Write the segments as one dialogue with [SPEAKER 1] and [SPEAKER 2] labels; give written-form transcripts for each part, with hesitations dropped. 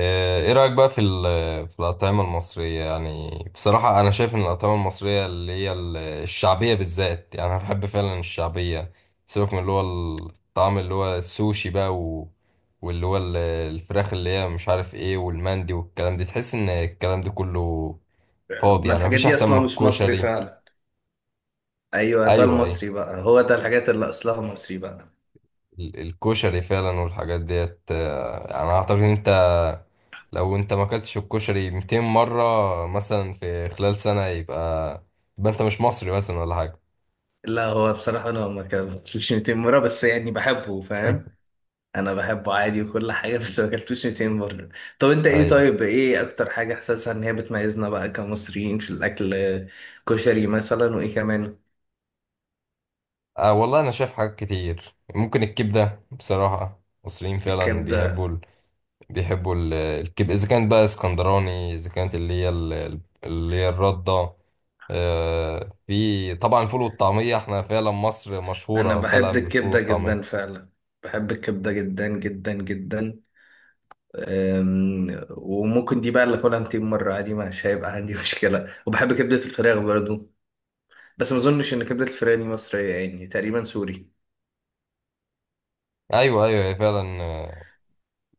[SPEAKER 1] ايه رأيك بقى في الأطعمة المصرية يعني. بصراحة أنا شايف إن الأطعمة المصرية اللي هي الشعبية بالذات، يعني أنا بحب فعلا الشعبية. سيبك من اللي هو الطعم اللي هو السوشي بقى، و واللي هو الفراخ اللي هي مش عارف إيه، والمندي والكلام ده. تحس إن الكلام ده كله فاضي،
[SPEAKER 2] ما
[SPEAKER 1] يعني
[SPEAKER 2] الحاجات
[SPEAKER 1] مفيش
[SPEAKER 2] دي
[SPEAKER 1] أحسن من
[SPEAKER 2] اصلا مش مصري
[SPEAKER 1] الكشري.
[SPEAKER 2] فعلا. ايوه ده
[SPEAKER 1] أيوه، أيوه.
[SPEAKER 2] المصري بقى، هو ده الحاجات اللي اصلها مصري بقى.
[SPEAKER 1] الكشري فعلا، والحاجات ديت. أنا أعتقد أنت لو انت ما اكلتش الكشري 200 مرة مثلا في خلال سنة، يبقى انت مش مصري مثلا ولا حاجة.
[SPEAKER 2] لا هو بصراحه انا ما اكلتوش 200 مره، بس يعني بحبه فاهم. انا بحبه عادي وكل حاجه بس ما اكلتوش 200 مره. طب انت ايه،
[SPEAKER 1] ايوه.
[SPEAKER 2] طيب ايه اكتر حاجه حاسسها ان هي بتميزنا بقى كمصريين في الاكل؟ كشري مثلا، وايه كمان؟
[SPEAKER 1] والله انا شايف حاجات كتير، ممكن الكبدة. بصراحة المصريين فعلا بيحبوا
[SPEAKER 2] الكبده.
[SPEAKER 1] ال... بيحبوا ال... الكبدة اذا كانت بقى اسكندراني، اذا كانت اللي هي الردة. في طبعا الفول والطعمية، احنا فعلا مصر
[SPEAKER 2] انا
[SPEAKER 1] مشهورة
[SPEAKER 2] بحب
[SPEAKER 1] فعلا بالفول
[SPEAKER 2] الكبده جدا
[SPEAKER 1] والطعمية.
[SPEAKER 2] فعلا. بحب الكبده جدا جدا جدا. وممكن دي بقى اللي اكلها 200 مره عادي، مش هيبقى عندي مشكله. وبحب كبده الفراخ برضو، بس ما اظنش ان كبده الفراخ دي مصريه، يعني تقريبا سوري.
[SPEAKER 1] ايوه، ايوه، هي فعلا.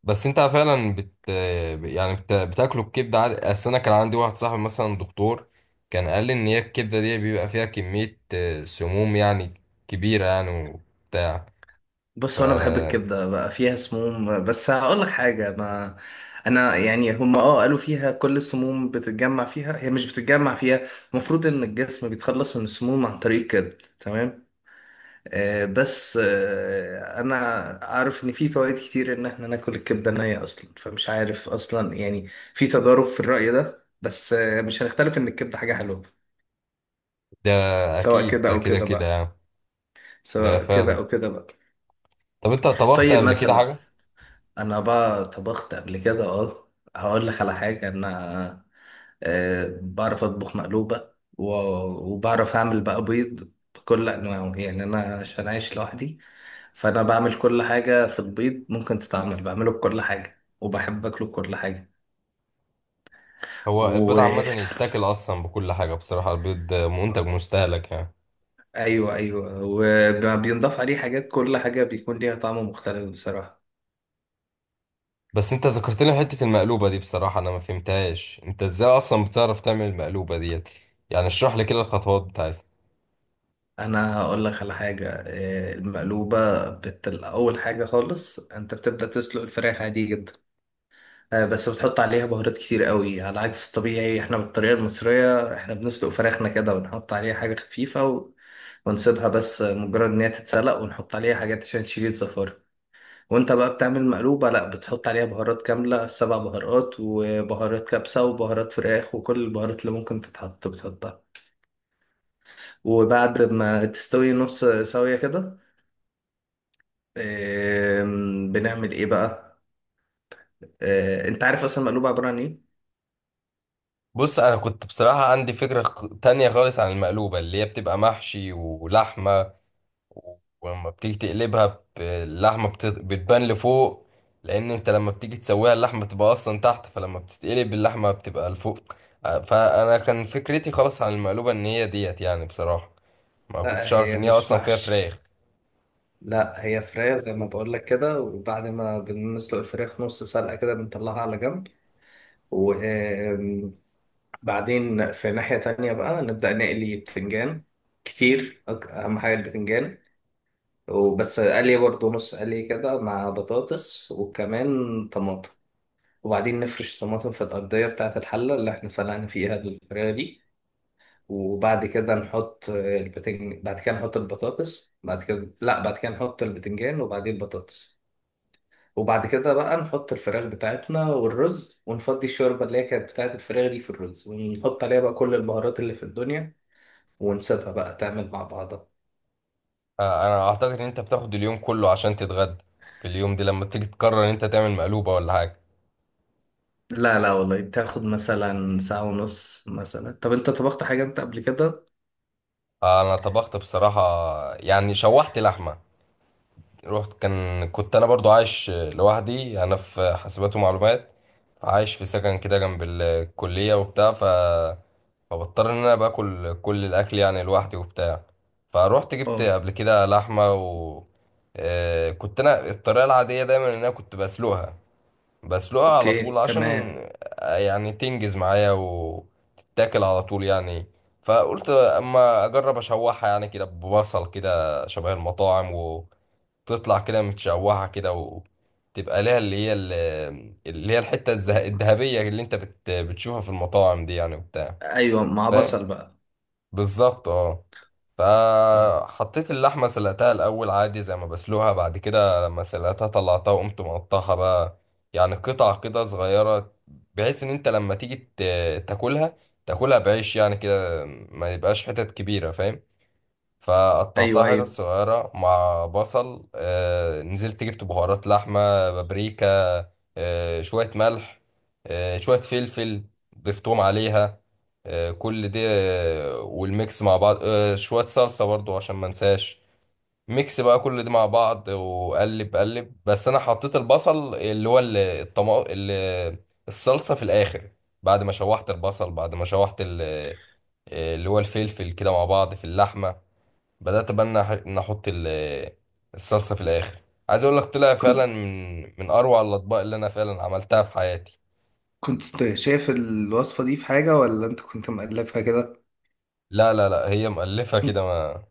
[SPEAKER 1] بس انت فعلا يعني بتاكلوا الكبده عادي. اصل انا كان عندي واحد صاحبي مثلا دكتور، كان قال لي ان هي الكبده دي بيبقى فيها كميه سموم يعني، كبيره يعني وبتاع ف
[SPEAKER 2] بص هو انا بحب الكبده بقى فيها سموم، بس هقول لك حاجه. ما انا يعني هم اه قالوا فيها كل السموم بتتجمع فيها، هي مش بتتجمع فيها. المفروض ان الجسم بيتخلص من السموم عن طريق الكبد، تمام؟ بس انا عارف ان في فوائد كتير ان احنا ناكل الكبده نيه اصلا، فمش عارف اصلا يعني. في تضارب في الراي ده، بس مش هنختلف ان الكبده حاجه حلوه،
[SPEAKER 1] ده
[SPEAKER 2] سواء
[SPEAKER 1] اكيد،
[SPEAKER 2] كده
[SPEAKER 1] ده
[SPEAKER 2] او
[SPEAKER 1] كده
[SPEAKER 2] كده
[SPEAKER 1] كده
[SPEAKER 2] بقى.
[SPEAKER 1] يعني. ده
[SPEAKER 2] سواء كده
[SPEAKER 1] فعلا.
[SPEAKER 2] او كده بقى.
[SPEAKER 1] طب انت طبخت
[SPEAKER 2] طيب
[SPEAKER 1] قبل كده
[SPEAKER 2] مثلا،
[SPEAKER 1] حاجه؟
[SPEAKER 2] انا بقى طبخت قبل كده اه. هقول لك على حاجه انا. بعرف اطبخ مقلوبه و- وبعرف اعمل بقى بيض بكل انواعه، يعني انا عشان عايش لوحدي فانا بعمل كل حاجه في البيض ممكن تتعمل، بعمله بكل حاجه وبحب اكله بكل حاجه.
[SPEAKER 1] هو البيض عامه
[SPEAKER 2] وايوه،
[SPEAKER 1] يتاكل اصلا بكل حاجه، بصراحه البيض منتج مستهلك يعني.
[SPEAKER 2] ايوه وبينضاف عليه حاجات، كل حاجه بيكون ليها طعم مختلف بصراحه.
[SPEAKER 1] بس انت ذكرت لي حته المقلوبه دي، بصراحه انا ما فهمتهاش انت ازاي اصلا بتعرف تعمل المقلوبه ديت. يعني اشرح لي كده الخطوات بتاعتها.
[SPEAKER 2] انا هقول لك على حاجه، المقلوبه اول حاجه خالص انت بتبدا تسلق الفراخ عادي جدا. بس بتحط عليها بهارات كتير قوي، على عكس الطبيعي. احنا بالطريقه المصريه احنا بنسلق فراخنا كده ونحط عليها حاجه خفيفه ونسيبها بس مجرد ان هي تتسلق، ونحط عليها حاجات عشان تشيل الزفاره. وانت بقى بتعمل مقلوبه لا، بتحط عليها بهارات كامله، سبع بهارات وبهارات كبسه وبهارات فراخ وكل البهارات اللي ممكن تتحط بتحطها. وبعد ما تستوي نص سوية كده، بنعمل ايه بقى؟ انت عارف اصلا المقلوبه عباره عن ايه؟
[SPEAKER 1] بص، انا كنت بصراحة عندي فكرة تانية خالص عن المقلوبة اللي هي بتبقى محشي ولحمة، و- ولما بتيجي تقلبها اللحمة بتبان لفوق. لان انت لما بتيجي تسويها اللحمة بتبقى اصلا تحت، فلما بتتقلب اللحمة بتبقى لفوق. فانا كان فكرتي خلاص عن المقلوبة ان هي ديت يعني، بصراحة ما
[SPEAKER 2] لا
[SPEAKER 1] كنتش اعرف
[SPEAKER 2] هي
[SPEAKER 1] ان هي
[SPEAKER 2] مش
[SPEAKER 1] اصلا فيها
[SPEAKER 2] محشي،
[SPEAKER 1] فراخ.
[SPEAKER 2] لا هي فراخ زي ما بقول لك كده. وبعد ما بنسلق الفراخ نص سلقة كده بنطلعها على جنب. وبعدين في ناحية تانية بقى نبدأ نقلي بتنجان كتير، أهم حاجة البتنجان. وبس قلي برضه نص قلي كده مع بطاطس وكمان طماطم. وبعدين نفرش طماطم في الأرضية بتاعة الحلة اللي احنا سلقنا فيها الفراخ دي. وبعد كده نحط البتنج، بعد كده نحط البطاطس، بعد كده لا، بعد كده نحط البتنجان وبعدين البطاطس. وبعد كده بقى نحط الفراخ بتاعتنا والرز، ونفضي الشوربة اللي هي كانت بتاعت الفراخ دي في الرز، ونحط عليها بقى كل البهارات اللي في الدنيا، ونسيبها بقى تعمل مع بعضها.
[SPEAKER 1] انا اعتقد ان انت بتاخد اليوم كله عشان تتغدى في اليوم دي، لما بتيجي تقرر ان انت تعمل مقلوبة ولا حاجة.
[SPEAKER 2] لا لا والله بتاخد مثلا ساعة ونص مثلا. طب انت طبخت حاجة انت قبل كده؟
[SPEAKER 1] انا طبخت بصراحة، يعني شوحت لحمة. رحت كنت انا برضو عايش لوحدي، انا في حاسبات ومعلومات، عايش في سكن كده جنب الكلية وبتاع، فبضطر ان انا باكل كل الاكل يعني لوحدي وبتاع. فروحت جبت
[SPEAKER 2] اه.
[SPEAKER 1] قبل كده لحمة، و كنت انا الطريقة العادية دايما ان انا كنت بسلقها على
[SPEAKER 2] اوكي
[SPEAKER 1] طول، عشان
[SPEAKER 2] تمام.
[SPEAKER 1] يعني تنجز معايا وتتاكل على طول يعني. فقلت اما اجرب اشوحها يعني، كده ببصل كده شبه المطاعم، تطلع كده متشوحة كده، وتبقى ليها اللي هي الحتة الذهبية اللي انت بتشوفها في المطاعم دي يعني وبتاع.
[SPEAKER 2] ايوه مع
[SPEAKER 1] فاهم؟
[SPEAKER 2] بصل بقى.
[SPEAKER 1] بالظبط، اه.
[SPEAKER 2] اه.
[SPEAKER 1] فحطيت اللحمة، سلقتها الأول عادي زي ما بسلقها، بعد كده لما سلقتها طلعتها وقمت مقطعها بقى، يعني قطع كده صغيرة، بحيث إن أنت لما تيجي تاكلها، تاكلها بعيش يعني كده، ما يبقاش حتت كبيرة، فاهم؟
[SPEAKER 2] ايوه
[SPEAKER 1] فقطعتها حتت
[SPEAKER 2] ايوه.
[SPEAKER 1] صغيرة مع بصل. نزلت جبت بهارات لحمة، بابريكا، شوية ملح، شوية فلفل، ضفتهم عليها. كل دي، والميكس مع بعض، شوية صلصة برضو عشان ما انساش. ميكس بقى كل دي مع بعض، وقلب قلب. بس انا حطيت البصل، اللي هو الصلصة في الاخر. بعد ما شوحت البصل، بعد ما شوحت اللي هو الفلفل كده مع بعض في اللحمة، بدأت بقى إن أحط الصلصة في الآخر. عايز أقول لك، طلع فعلا
[SPEAKER 2] كنت
[SPEAKER 1] من أروع الأطباق اللي أنا فعلا عملتها في حياتي.
[SPEAKER 2] كنت شايف الوصفة دي في حاجة، ولا انت كنت مألفها كده؟
[SPEAKER 1] لا، لا، لا، هي مؤلفة كده، ما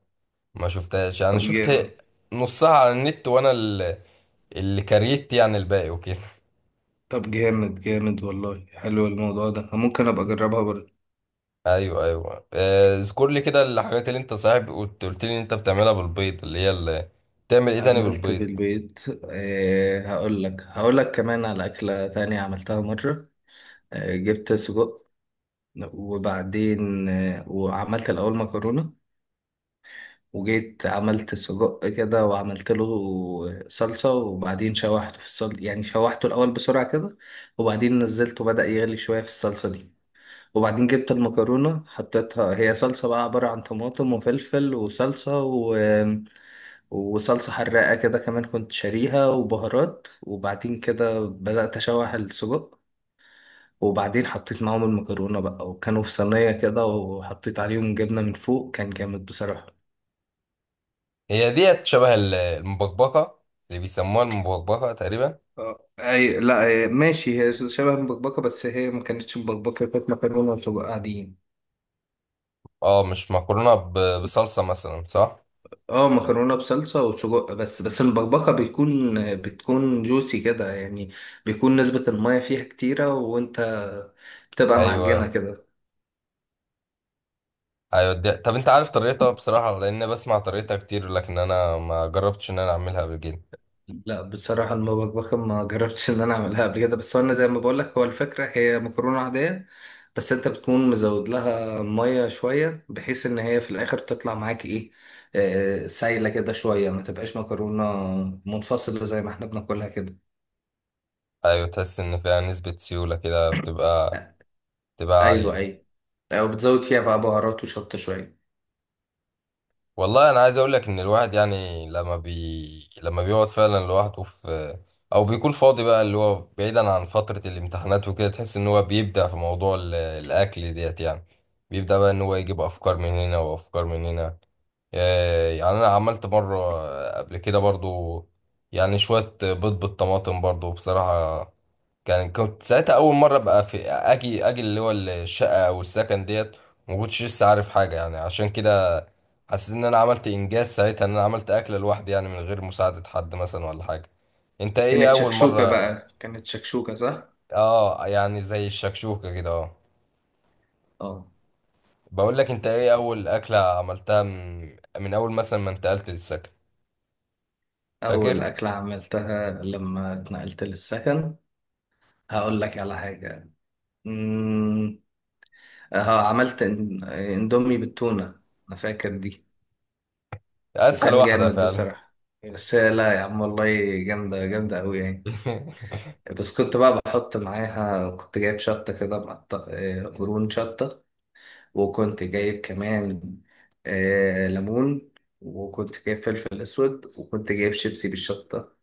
[SPEAKER 1] ما شفتهاش يعني،
[SPEAKER 2] طب
[SPEAKER 1] شفت
[SPEAKER 2] جامد.
[SPEAKER 1] نصها على النت، وأنا اللي كريت يعني الباقي وكده.
[SPEAKER 2] طب جامد جامد والله، حلو الموضوع ده، ممكن ابقى اجربها برضه.
[SPEAKER 1] أيوه، أيوه. اذكر لي كده الحاجات اللي أنت صاحب قلت لي إن أنت بتعملها بالبيض، اللي بتعمل إيه تاني
[SPEAKER 2] عملت
[SPEAKER 1] بالبيض؟
[SPEAKER 2] بالبيت. أه هقول لك، هقول لك كمان على أكلة تانية عملتها مرة. أه جبت سجق، وبعدين أه وعملت الأول مكرونة، وجيت عملت سجق كده وعملت له صلصة، وبعدين شوحته في الصلصة، يعني شوحته الأول بسرعة كده، وبعدين نزلته بدأ يغلي شوية في الصلصة دي. وبعدين جبت المكرونة حطيتها، هي صلصة بقى عبارة عن طماطم وفلفل وصلصة وصلصة حراقة كده كمان كنت شاريها، وبهارات. وبعدين كده بدأت أشوح السجق، وبعدين حطيت معاهم المكرونة بقى، وكانوا في صينية كده، وحطيت عليهم جبنة من فوق. كان جامد بصراحة.
[SPEAKER 1] هي ديت شبه المبكبكة، اللي بيسموها المبكبكة تقريبا.
[SPEAKER 2] آه، اي لا أي ماشي، هي شبه المبكبكه، بس هي ما كانتش مبكبكه، كانت مكرونه وسجق عاديين.
[SPEAKER 1] اه، مش مكرونة بصلصة مثلا، صح؟
[SPEAKER 2] اه مكرونه بصلصه وسجق بس. المبكبكه بتكون جوسي كده يعني، بيكون نسبه الميه فيها كتيره، وانت بتبقى معجنه
[SPEAKER 1] ايوه،
[SPEAKER 2] كده.
[SPEAKER 1] ايوه دي. طب انت عارف طريقتها؟ بصراحه لان بسمع طريقتها كتير، لكن انا ما جربتش ان انا اعملها قبل كده.
[SPEAKER 2] لا بصراحه المبكبكه ما جربتش ان انا اعملها قبل كده، بس هو انا زي ما بقول لك، هو الفكره هي مكرونه عاديه، بس انت بتكون مزود لها ميه شويه، بحيث ان هي في الاخر تطلع معاك ايه، سايله كده شويه، ما تبقاش مكرونه منفصله زي ما احنا بناكلها كده.
[SPEAKER 1] ايوه، تحس ان فيها نسبه سيوله كده، بتبقى عاليه
[SPEAKER 2] ايوه
[SPEAKER 1] يعني.
[SPEAKER 2] ايوه، او بتزود فيها بقى بهارات وشطه شويه.
[SPEAKER 1] والله انا عايز اقول لك ان الواحد يعني لما بيقعد فعلا لوحده، في او بيكون فاضي بقى، اللي هو بعيدا عن فتره الامتحانات وكده، تحس ان هو بيبدع في موضوع الاكل ديت يعني. بيبدأ بقى ان هو يجيب افكار من هنا وافكار من هنا. يعني انا عملت مره قبل كده برضو، يعني شويه بيض بالطماطم برضو بصراحه. كنت ساعتها اول مره بقى في اجي اللي هو الشقه او السكن ديت، ما كنتش لسه عارف حاجه يعني عشان كده، حسيت ان انا عملت انجاز ساعتها، ان انا عملت اكله لوحدي يعني من غير مساعده حد مثلا ولا حاجه. انت ايه
[SPEAKER 2] كانت
[SPEAKER 1] اول
[SPEAKER 2] شكشوكة
[SPEAKER 1] مره؟
[SPEAKER 2] بقى، كانت شكشوكة صح؟
[SPEAKER 1] اه، يعني زي الشكشوكه كده، اه.
[SPEAKER 2] اه.
[SPEAKER 1] بقول لك، انت ايه اول اكله عملتها من اول مثلا ما انتقلت للسكن،
[SPEAKER 2] أول
[SPEAKER 1] فاكر؟
[SPEAKER 2] أكلة عملتها لما اتنقلت للسكن، هقول لك على حاجة. أمم، اه عملت اندومي بالتونة، أنا فاكر دي.
[SPEAKER 1] اسهل
[SPEAKER 2] وكان
[SPEAKER 1] واحده
[SPEAKER 2] جامد
[SPEAKER 1] فعلا.
[SPEAKER 2] بصراحة، بس لا يا عم والله، جامدة جامدة أوي يعني. بس كنت بقى بحط معاها، كنت جايب شطة كده مقطع، قرون شطة، وكنت جايب كمان ليمون، وكنت جايب فلفل أسود، وكنت جايب شيبسي بالشطة.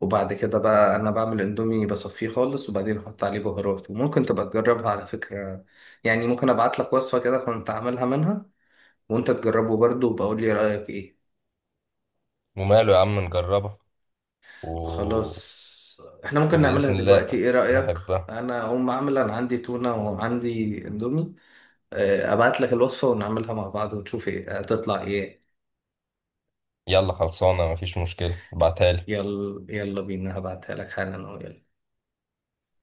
[SPEAKER 2] وبعد كده بقى انا بعمل اندومي بصفيه خالص، وبعدين احط عليه بهارات. وممكن تبقى تجربها على فكرة، يعني ممكن ابعت لك وصفة كده كنت عاملها منها، وانت تجربه برضه وبقول لي رأيك ايه.
[SPEAKER 1] وماله يا عم، نجربها، و...
[SPEAKER 2] خلاص، احنا ممكن نعملها
[SPEAKER 1] وبإذن الله
[SPEAKER 2] دلوقتي، ايه رأيك؟
[SPEAKER 1] نحبها.
[SPEAKER 2] انا اقوم اعمل، انا عندي تونة وعندي اندومي، ابعت لك الوصفة ونعملها مع بعض ونشوف ايه هتطلع ايه.
[SPEAKER 1] يلا خلصانة، مفيش مشكلة، ابعتها لي.
[SPEAKER 2] يلا يلا بينا، هبعتها لك حالا أهو، يلا.